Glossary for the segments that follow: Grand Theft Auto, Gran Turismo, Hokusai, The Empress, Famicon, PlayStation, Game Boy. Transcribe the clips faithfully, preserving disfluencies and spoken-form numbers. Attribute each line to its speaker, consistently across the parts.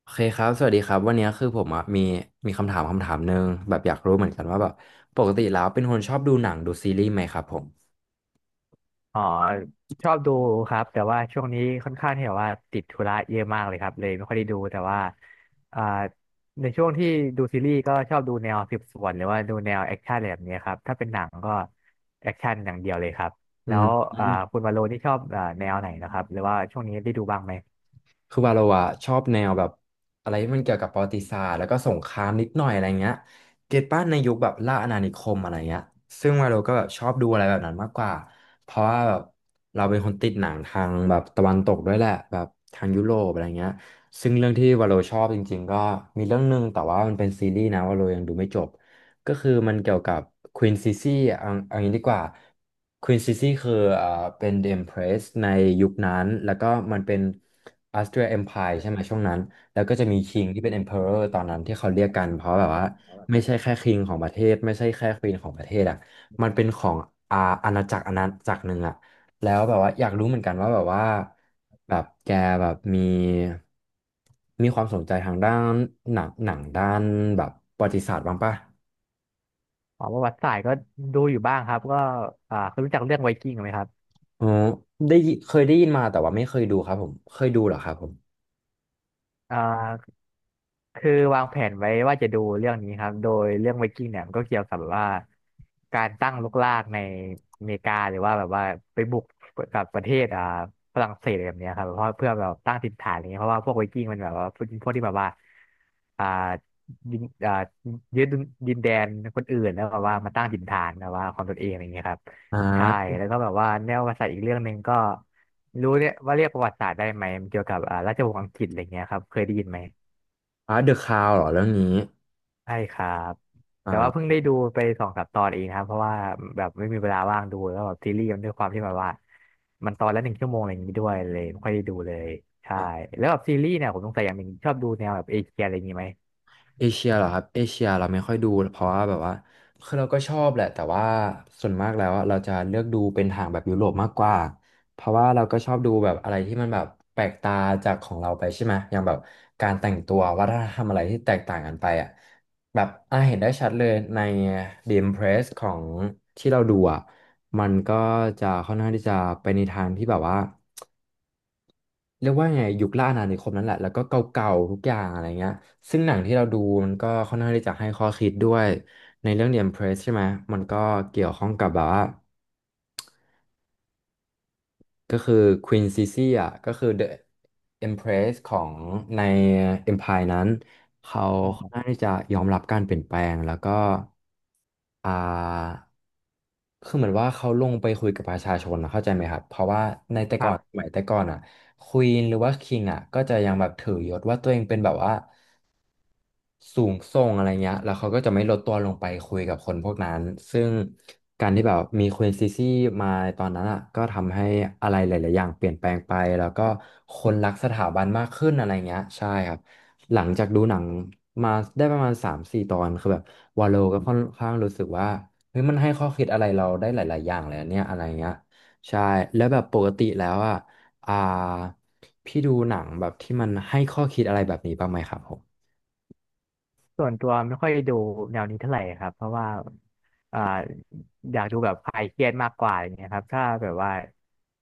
Speaker 1: โอเคครับสวัสดีครับวันนี้คือผมอ่ะมีมีคำถามคำถามหนึ่งแบบอยากรู้เหมือนกันว่าแบบปกติแล้วเป็นคนชอบดูหนังดูซีรีส์ไหมครับผม
Speaker 2: อ๋อชอบดูครับแต่ว่าช่วงนี้ค่อนข้างที่แบบว่าติดธุระเยอะมากเลยครับเลยไม่ค่อยได้ดูแต่ว่าอ่าในช่วงที่ดูซีรีส์ก็ชอบดูแนวสืบสวนหรือว่าดูแนวแอคชั่นอะไรแบบนี้ครับถ้าเป็นหนังก็แอคชั่นอย่างเดียวเลยครับ
Speaker 1: อื
Speaker 2: แล้
Speaker 1: ม
Speaker 2: ว
Speaker 1: อื
Speaker 2: อ่า
Speaker 1: ม
Speaker 2: คุณวาโลนี่ชอบอ่าแนวไหนนะครับหรือว่าช่วงนี้ได้ดูบ้างไหม
Speaker 1: คือว่าเราอะชอบแนวแบบอะไรที่มันเกี่ยวกับประวัติศาสตร์แล้วก็สงครามนิดหน่อยอะไรเงี้ยเกตป้าในยุคแบบล่าอาณานิคมอะไรเงี้ยซึ่งว่าเราก็แบบชอบดูอะไรแบบนั้นมากกว่าเพราะว่าแบบเราเป็นคนติดหนังทางแบบตะวันตกด้วยแหละแบบทางยุโรปอะไรเงี้ยซึ่งเรื่องที่วาโลชอบจริงๆก็มีเรื่องหนึงแต่ว่ามันเป็นซีรีส์นะวาโลยังดูไม่จบ ก็คือมันเกี่ยวกับควีนซิซี่เอาเอางี้ดีกว่าควีนซิซี่คืออ่าเป็น The Empress ในยุคนั้น แล้วก็มันเป็น Austria Empire ใช่ไหมช่วงนั้น แล้วก็จะมีคิงที่เป็น Emperor ตอนนั้นที่เขาเรียกกัน เพราะแบบว่าไม่ใช่แค่คิงของประเทศไม่ใช่แค่ควีนของประเทศอ่ะมันเป็นของอาอาณาจักรอาณาจักรหนึ่งอ่ะแล้วแบบว่าอยากรู้เหมือนกันว่าแบบว่าแบบแกแบบมีมีความสนใจทางด้านหนังหนังด้านแบบประวัติศาสตร์บ้างปะ
Speaker 2: อ๋อประวัติศาสตร์ก็ดูอยู่บ้างครับก็อ่าเคยรู้จักเรื่องไวกิ้งไหมครับ
Speaker 1: อ๋อได้ยิเคยได้ยินมาแต่ว่าไม่เคยดูครับผมเคยดูเหรอครับผม
Speaker 2: อ่า คือวางแผนไว้ว่าจะดูเรื่องนี้ครับโดยเรื่องไวกิ้งเนี่ยมันก็เกี่ยวกับแบบว่าการตั้งรกรากในอเมริกาหรือว่าแบบว่าไปบุกกับประเทศอ่าฝรั่งเศสอะไรแบบเนี้ยครับเพราะเพื่อแบบตั้งถิ่นฐานอะไรเงี้ยเพราะว่าพวกไวกิ้งมันแบบว่าพวกพวกที่แบบว่าอ่ายึดอ่ายึดดินแดนคนอื่นแล้วแบบว่ามาตั้งถิ่นฐานแบบว่าของตนเองอะไรเงี้ยครับ
Speaker 1: อ่
Speaker 2: ใช่
Speaker 1: า
Speaker 2: แล้วก็แบบว่าแนวประวัติศาสตร์อีกเรื่องหนึ่งก็รู้เนี่ยว่าเรียกประวัติศาสตร์ได้ไหมมันเกี่ยวกับอ่าราชวงศ์อังกฤษอะไรเงี้ยครับเคยได้ยินไหม
Speaker 1: อ่าเดอะคราวเหรอเรื่องนี้
Speaker 2: ใช่ครับ
Speaker 1: อ่
Speaker 2: แต่ว่าเพิ่ง
Speaker 1: า
Speaker 2: ได้ดูไปสองสามตอนเองนะครับเพราะว่าแบบไม่มีเวลาว่างดูแล้วแบบซีรีส์มันด้วยความที่แบบว่ามันตอนละหนึ่งชั่วโมงอะไรอย่างนี้ด้วยเลยไม่ค่อยได้ดูเลยใช่แล้วแบบซีรีส์เนี่ยผมสงสัยอย่างหนึ่งชอบดูแนวแบบเอเชียอะไรอย่างนี้ไหม
Speaker 1: เอเชียเหรอครับเอเชียเราไม่ค่อยดูเพราะว่าแบบว่าคือเราก็ชอบแหละแต่ว่าส่วนมากแล้วอะเราจะเลือกดูเป็นทางแบบยุโรปมากกว่าเพราะว่าเราก็ชอบดูแบบอะไรที่มันแบบแปลกตาจากของเราไปใช่ไหมอย่างแบบการแต่งตัววัฒนธรรมอะไรที่แตกต่างกันไปอ่ะแบบอ่ะเห็นได้ชัดเลยใน The Impress ของที่เราดูอ่ะมันก็จะค่อนข้างที่จะไปในทางที่แบบว่า เรียกว่าไงยุคล่าอาณานิคมนั่นแหละแล้วก็เก่าๆทุกอย่างอะไรเงี้ยซึ่งหนังที่เราดูมันก็ค่อนข้างที่จะให้ข้อคิดด้วยในเรื่อง The Empress ใช่ไหมมันก็เกี่ยวข้องกับแบบว่า ก็คือ Queen Sisi อ่ะก็คือ The Empress ของใน Empire นั้นเขาค่อนข้า
Speaker 2: ค
Speaker 1: งที่จะยอมรับการเปลี่ยนแปลงแล้วก็อ่าคือเหมือนว่าเขาลงไปคุยกับประชาชนนะเข้าใจไหมครับเพราะว่าในแต่ก่อ
Speaker 2: รับ
Speaker 1: นสมัยแต่ก่อนอ่ะควีนหรือว่าคิงอ่ะก็จะยังแบบถือยศว่าตัวเองเป็นแบบว่า สูงส่งอะไรเงี้ยแล้วเขาก็จะไม่ลดตัวลงไปคุยกับคนพวกนั้นซึ่งการที่แบบมีควีนซีซี่มาตอนนั้นอ่ะก็ทำให้อะไรหลายๆอย่างเปลี่ยนแปลงไปแล้วก็คนรักสถาบันมากขึ้นอะไรเงี้ยใช่ครับหลังจากดูหนังมาได้ประมาณสามถึงสี่ตอนคือแบบวาโลก็ค่อนข้างรู้สึกว่าเฮ้ยมันให้ข้อคิดอะไรเราได้หลายๆอย่างเลยอะเนี่ยอะไรเงี้ยใช่แล้วแบบปกติแล้วอ่ะอ่าพี่ดูหนังแบบที่มันให้ข้อคิดอะไรแบบนี้บ้างไหมครับผม
Speaker 2: ส่วนตัวไม่ค่อยดูแนวนี้เท่าไหร่ครับเพราะว่าอ่าอยากดูแบบคลายเครียดมากกว่าอย่างเงี้ยครับถ้าแบบว่า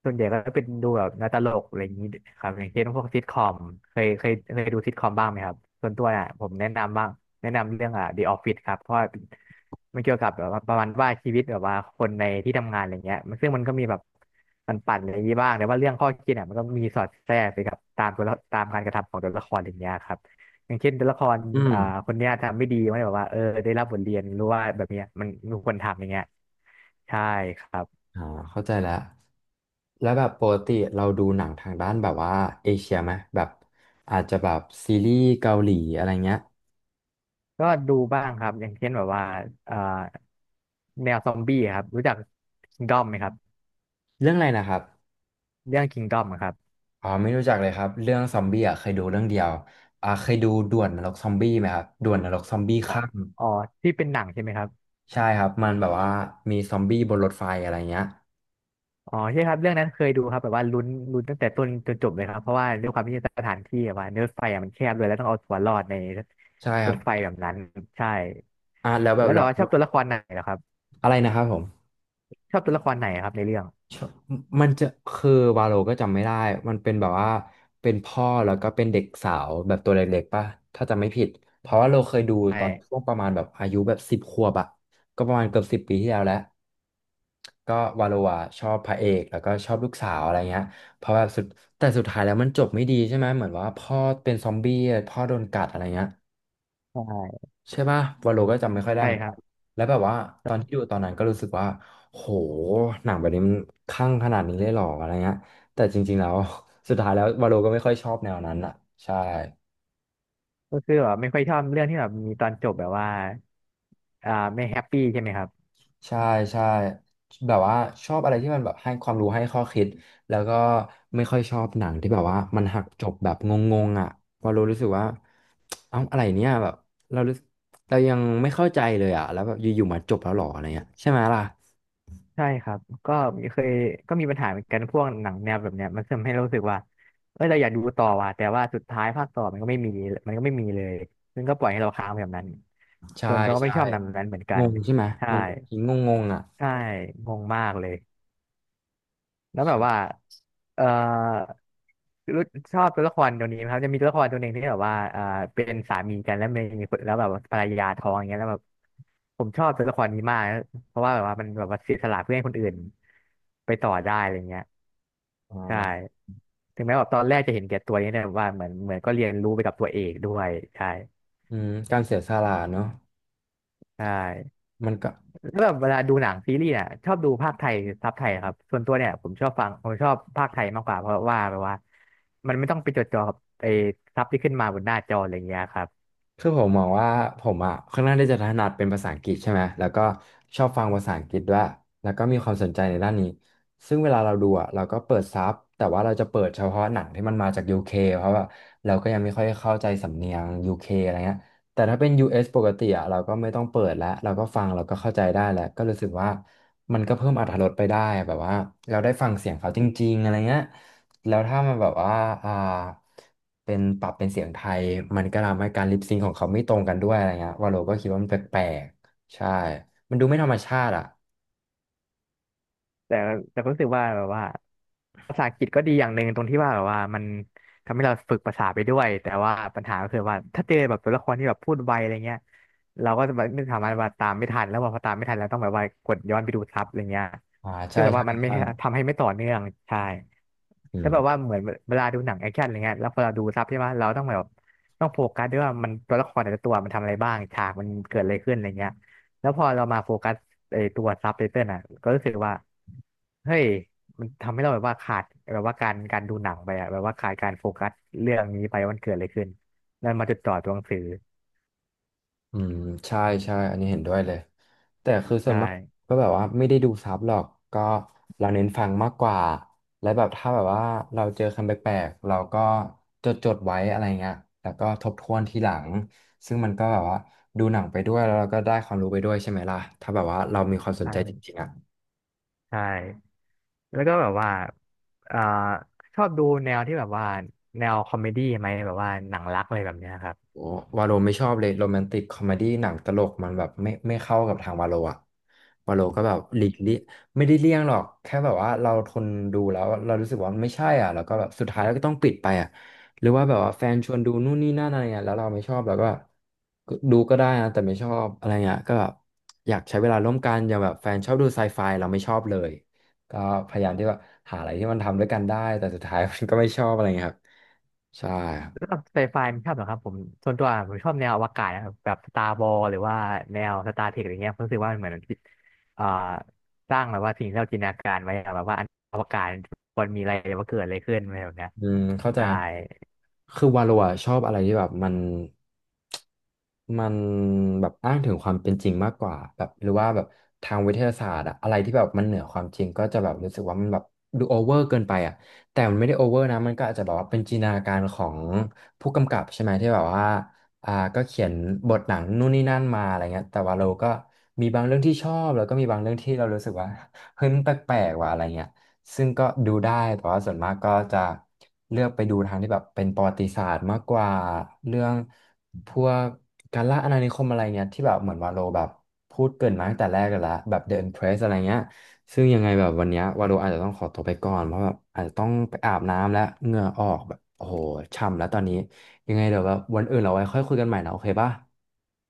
Speaker 2: ส่วนใหญ่ก็เป็นดูแบบหนังตลกอะไรอย่างนี้ครับอย่างเช่นพวกซิทคอมเคยเคยเคยดูซิทคอมบ้างไหมครับส่วนตัวเนี่ยผมแนะนำบ้างแนะนำเรื่องอ่ะ The Office ครับเพราะว่ามันเกี่ยวกับแบบว่าประมาณว่าชีวิตแบบว่าคนในที่ทำงานอะไรเงี้ยมันซึ่งมันก็มีแบบปั่นๆอะไรอย่างนี้บ้างแต่ว่าเรื่องข้อคิดเนี่ยมันก็มีสอดแทรกไปกับตามตัวละตามการกระทำของตัวละครอย่างเงี้ยครับ อย่างเช่นตัวละครอ่าคนเนี้ยทำไม่ดีมันแบบว่าเออได้รับบทเรียนรู้ว่าแบบเนี้ยมันไมนควรทำอย่างเงี้ยใช่ครับ
Speaker 1: อ่าเข้าใจแล้วแล้วแบบปกติเราดูหนังทางด้านแบบว่าเอเชียไหมแบบอาจจะแบบซีรีส์เกาหลีอะไรเงี้ย
Speaker 2: ก็ดูบ้างครับอย่างเช่นแบบว่าอ่าแนวซอมบี้ครับรู้จักคิงดอม ไหมครับ
Speaker 1: เรื่องอะไรนะครับ
Speaker 2: เรื่องคิงดอม อะครับ
Speaker 1: อ๋อไม่รู้จักเลยครับ เรื่องซอมบี้อ่ะเคยดูเรื่องเดียวอ่าเคยดูด่วนนรกซอมบี้ไหมครับด่วนนรกซอมบี้ข้าม
Speaker 2: อ๋อที่เป็นหนังใช่ไหมครับ
Speaker 1: ใช่ครับมันแบบว่ามีซอมบี้บนรถไฟอะไรเงี้ย
Speaker 2: อ๋อใช่ครับเรื่องนั้นเคยดูครับแบบว่าลุ้นลุ้นตั้งแต่ต้นจนจบเลยครับเพราะว่าด้วยความที่สถานที่แบบว่ารถไฟอะมันแคบเลยแล้วต้องเอาตัวรอดใน
Speaker 1: ใช่ค
Speaker 2: ร
Speaker 1: รั
Speaker 2: ถ
Speaker 1: บ
Speaker 2: ไฟแบบนั้นใช่
Speaker 1: อ่าแล้วแบ
Speaker 2: แล้
Speaker 1: บ
Speaker 2: วแบ
Speaker 1: เรา
Speaker 2: บว่าชอบตัวละครไหนเหรอครับ
Speaker 1: อะไรนะครับผม
Speaker 2: ชอบตัวละครไหนครับในเรื่อง
Speaker 1: ชอบมันจะคือวาโลก็จำไม่ได้มันเป็นแบบว่าเป็นพ่อแล้วก็เป็นเด็กสาวแบบตัวเล็กๆป่ะถ้าจำไม่ผิดเพราะว่าเราเคยดู
Speaker 2: ใช
Speaker 1: ตอนช่ว
Speaker 2: ่
Speaker 1: งประมาณแบบอายุแบบสิบขวบอะก็ประมาณเกือบสิบปีที่แล้วแหล้วก็วาโลอะชอบพระเอกแล้วก็ชอบลูกสาวอะไรเงี้ยเพราะว่าสุดแต่สุดท้ายแล้วมันจบไม่ดีใช่ไหมเหมือนว่าพ่อเป็นซอมบี้พ่อโดนกัดอะไรเงี้ย
Speaker 2: ใช่
Speaker 1: ใช่ป่ะวาโลก็จำไม่ค่อยได้
Speaker 2: ใช่
Speaker 1: เหมือน
Speaker 2: ครั
Speaker 1: กัน
Speaker 2: บ
Speaker 1: แล้วแบบว่าตอนที่ดูตอนนั้นก็รู้สึกว่าโหหนังแบบนี้มันคลั่งขนาดนี้เลยเหรออะไรเงี้ยแต่จริงๆแล้ว สุดท้ายแล้ววาโลก็ไม่ค่อยชอบแนวนั้นอ่ะใช่
Speaker 2: ก็คือแบบไม่ค่อยชอบเรื่องที่แบบมีตอนจบแบบว่าอ่าไม่แฮปปี้ใช่ไหมครับ
Speaker 1: ใช่ใช่แบบว่าชอบอะไรที่มันแบบให้ความรู้ให้ข้อคิดแล้วก็ไม่ค่อยชอบหนังที่แบบว่ามันหักจบแบบงงๆอ่ะวาโลรู้สึกว่า เอ้าอะไรเนี่ยแบบเรารู้สึกเรายังไม่เข้าใจเลยอ่ะแล้วแบบอยู่ๆมาจบแล้วเหรออะไรเงี้ยใช่ไหมล่ะ
Speaker 2: ใช่ครับก็เคยก็มีปัญหาเหมือนกันพวกหนังแนวแบบเนี้ยมันทำให้รู้สึกว่าเออเราอยากดูต่อว่ะแต่ว่าสุดท้ายภาคต่อมันก็ไม่มีมันก็ไม่มีเลยซึ่งก็ปล่อยให้เราค้างแบบนั้น
Speaker 1: ใช่
Speaker 2: ส่วนตัวก็ไม่
Speaker 1: ใช่
Speaker 2: ชอบหนังแบบนั้นเหมือนกั
Speaker 1: ง
Speaker 2: น
Speaker 1: งใช่ไหม
Speaker 2: ใช่
Speaker 1: มันแบบงงงงๆอ่ะ
Speaker 2: ใช่งงมากเลย แล้วแบบว่าเอ่อรู้ชอบตัวละครตัวนี้ไหมครับจะมีตัวละครตัวหนึ่งที่แบบว่าเอ่อเป็นสามีกันแล้วมีคนแล้วแบบว่าภรรยาท้องอย่างเงี้ยแล้วแบบผมชอบตัวละครนี้มากเพราะว่าแบบว่ามันแบบว่าเสียสละเพื่อให้คนอื่นไปต่อได้อะไรเงี้ย
Speaker 1: เอ่
Speaker 2: ใช
Speaker 1: า
Speaker 2: ่ถึงแม้แบบตอนแรกจะเห็นแก่ตัวนี่แต่ว่าเหมือนเหมือนก็เรียนรู้ไปกับตัวเอกด้วยใช่
Speaker 1: อืมการเสียสละเนอะ
Speaker 2: ใช่
Speaker 1: มันก็
Speaker 2: แล้วแบบเวลาดูหนังซีรีส์เนี่ยชอบดูภาคไทยซับไทยครับส่วนตัวเนี่ยผมชอบฟังผมชอบภาคไทยมากกว่าเพราะว่าแบบว่ามันไม่ต้องไปจดจ่อกับไอ้ซับที่ขึ้นมาบนหน้าจออะไรเงี้ยครับ
Speaker 1: คือผมมองว่าผมอ่ะค่อนข้างที่จะถนัดเป็นภาษาอังกฤษใช่ไหมแล้วก็ชอบฟังภาษาอังกฤษด้วยแล้วก็มีความสนใจในด้านนี้ซึ่งเวลาเราดูอ่ะเราก็เปิดซับแต่ว่าเราจะเปิดเฉพาะหนังที่มันมาจากยูเคเพราะว่าเราก็ยังไม่ค่อยเข้าใจสำเนียงยูเคอะไรเงี้ยแต่ถ้าเป็นยูเอสปกติอ่ะเราก็ไม่ต้องเปิดแล้วเราก็ฟังเราก็เข้าใจได้แล้วก็รู้สึกว่ามันก็เพิ่มอรรถรสไปได้แบบว่าเราได้ฟังเสียงเขาจริงๆอะไรเงี้ย แล้วถ้ามันแบบว่าอ่าเป็นปรับเป็นเสียงไทยมันก็ทำให้การลิปซิงของเขาไม่ตรงกันด้วยอะไรเงี้ยว่าโลก็คิดว่ามันแปลกๆใช่มันดูไม่ธรรมชาติอ่ะ
Speaker 2: แต่แต่ก็รู้สึกว่าแบบว่าภาษาอังกฤษก็ดีอย่างหนึ่งตรงที่ว่าแบบว่ามันทำให้เราฝึกภาษาไปด้วยแต่ว่าปัญหาก็คือว่าถ้าเจอแบบตัวละครที่แบบพูดไวอะไรเงี้ยเราก็จะแบบไม่สามารถว่าตามไม่ทันแล้วพอตามไม่ทันเราต้องแบบว่ากดย้อนไปดูซับอะไรเงี้ย
Speaker 1: อ่าใช่
Speaker 2: ซึ่งแบบ
Speaker 1: ใช่
Speaker 2: ว่ามันไม่
Speaker 1: ใช่
Speaker 2: ทำให้ไม่ต่อเนื่องใช่
Speaker 1: อื
Speaker 2: แล้วแบบว่า
Speaker 1: ม
Speaker 2: เหมือนเวลาดูหนังแอคชั่นอะไรเงี้ยแล้วพอเราดูซับใช่ไหมเราต้องแบบต้องโฟกัสด้วยว่ามันตัวละครแต่ละตัวมันทำอะไรบ้างฉากมันเกิดอะไรขึ้นอะไรเงี้ย แล้วพอเรามาโฟกัสไอ้ตัวซับไตเติลอ่ะก็รู้สึกว่าเฮ้ยมันทำให้เราแบบว่าขาดแบบว่าการการดูหนังไปอ่ะแบบว่าขาดการโฟกัสเรื่องนี้ไปว่ามันเกิดอะไรขึ้นนั่นมาจดจ่อตัวหนังสือ
Speaker 1: อืมใช่ใช่อันนี้เห็นด้วยเลยแต่คือส่ว
Speaker 2: ใช่
Speaker 1: นมากก็แบบว่าไม่ได้ดูซับหรอกก็เราเน้นฟังมากกว่าและแบบถ้าแบบว่าเราเจอคำแปลกๆเราก็จดจดไว้อะไรเงี้ยแล้วก็ทบทวนทีหลังซึ่งมันก็แบบว่าดูหนังไปด้วยแล้วเราก็ได้ความรู้ไปด้วยใช่ไหมล่ะถ้าแบบว่าเรามีความสนใจจ
Speaker 2: ใช่
Speaker 1: ริงๆอ่ะ
Speaker 2: ใช่แล้วก็แบบว่าเอ่าชอบดูแนวที่แบบว่าแนวคอมเมดี้ไหมแบบว่าหนังรักอะไรแบบเนี้ยครับ
Speaker 1: โอ้วาโลไม่ชอบเลยโรแมนติกคอมเมดี้หนังตลกมันแบบไม่ไม่เข้ากับทางวาโลอะวาโลก็แบบหลีกเลี่ยงไม่ได้เลี่ยงหรอกแค่แบบว่าเราทนดูแล้วเรารู้สึกว่ามันไม่ใช่อ่ะแล้วก็แบบสุดท้ายเราก็ต้องปิดไปอ่ะหรือว่าแบบว่าแฟนชวนดูนู่นนี่นั่นอะไรเงี้ยแล้วเราไม่ชอบเราก็แบบดูก็ได้นะแต่ไม่ชอบอะไรเงี้ยก็แบบอยากใช้เวลาร่วมกันอย่างแบบแฟนชอบดูไซไฟเราไม่ชอบเลยก็พยายามที่ว่าหาอะไรที่มันทำด้วยกันได้แต่สุดท้ายมันก็ไม่ชอบอะไรเงี้ยครับใช่
Speaker 2: สำหรับไซไฟมันชอบเหรอครับผมส่วนตัวผมชอบแนวอวกาศนะครับแบบสตาร์บอ s หรือว่าแนวสตาร์เทคอะไรเงี้ยผมรู้สึกว่ามันเหมือนอ่าสร้างแบบว่าสิ่งที่เราจินตนาการไว้อะแบบว่าอนอวกาศมันมีอะไรว่าเกิดอะไรขึ้นอะไรแบบเนี้ย
Speaker 1: อืมเข้าใจ
Speaker 2: ได้
Speaker 1: ครับคือวาโลอะชอบอะไรที่แบบมันมันแบบอ้างถึงความเป็นจริงมากกว่าแบบหรือว่าแบบทางวิทยาศาสตร์อะอะไรที่แบบมันเหนือความจริงก็จะแบบรู้สึกว่ามันแบบดูโอเวอร์เกินไปอะแต่มันไม่ได้โอเวอร์นะมันก็อาจจะแบบว่าเป็นจินตนาการของผู้กำกับใช่ไหมที่แบบว่าอ่าก็เขียนบทหนังนู่นนี่นั่นมาอะไรเงี้ยแต่ว่าเราก็มีบางเรื่องที่ชอบแล้วก็มีบางเรื่องที่เรารู้สึกว่า เฮ้ยมันแปลกๆว่ะอะไรเงี้ย ซึ่งก็ดูได้แต่ว่าส่วนมากก็จะเลือกไปดูทางที่แบบเป็นประวัติศาสตร์มากกว่าเรื่องพวกการล่าอาณานิคมอะไรเงี้ยที่แบบเหมือนวาโลแบบพูดเกริ่นมาตั้งแต่แรกกันแล้วแบบ The Empress อะไรเงี้ยซึ่งยังไงแบบวันเนี้ยวาโลอาจจะต้องขอตัวไปก่อนเพราะแบบอาจจะต้องไปอาบน้ำแล้วเหงื่อออกแบบโอ้โหช่ำแล้วตอนนี้ยังไงเดี๋ยวแบบวันอื่นเราไว้ค่อยคุยกันใหม่นะโอเคป่ะ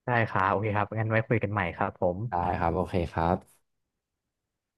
Speaker 2: ได้ครับโอเคครับงั้นไว้คุยกันใหม่ครับผม
Speaker 1: ได้ครับโอเคครับ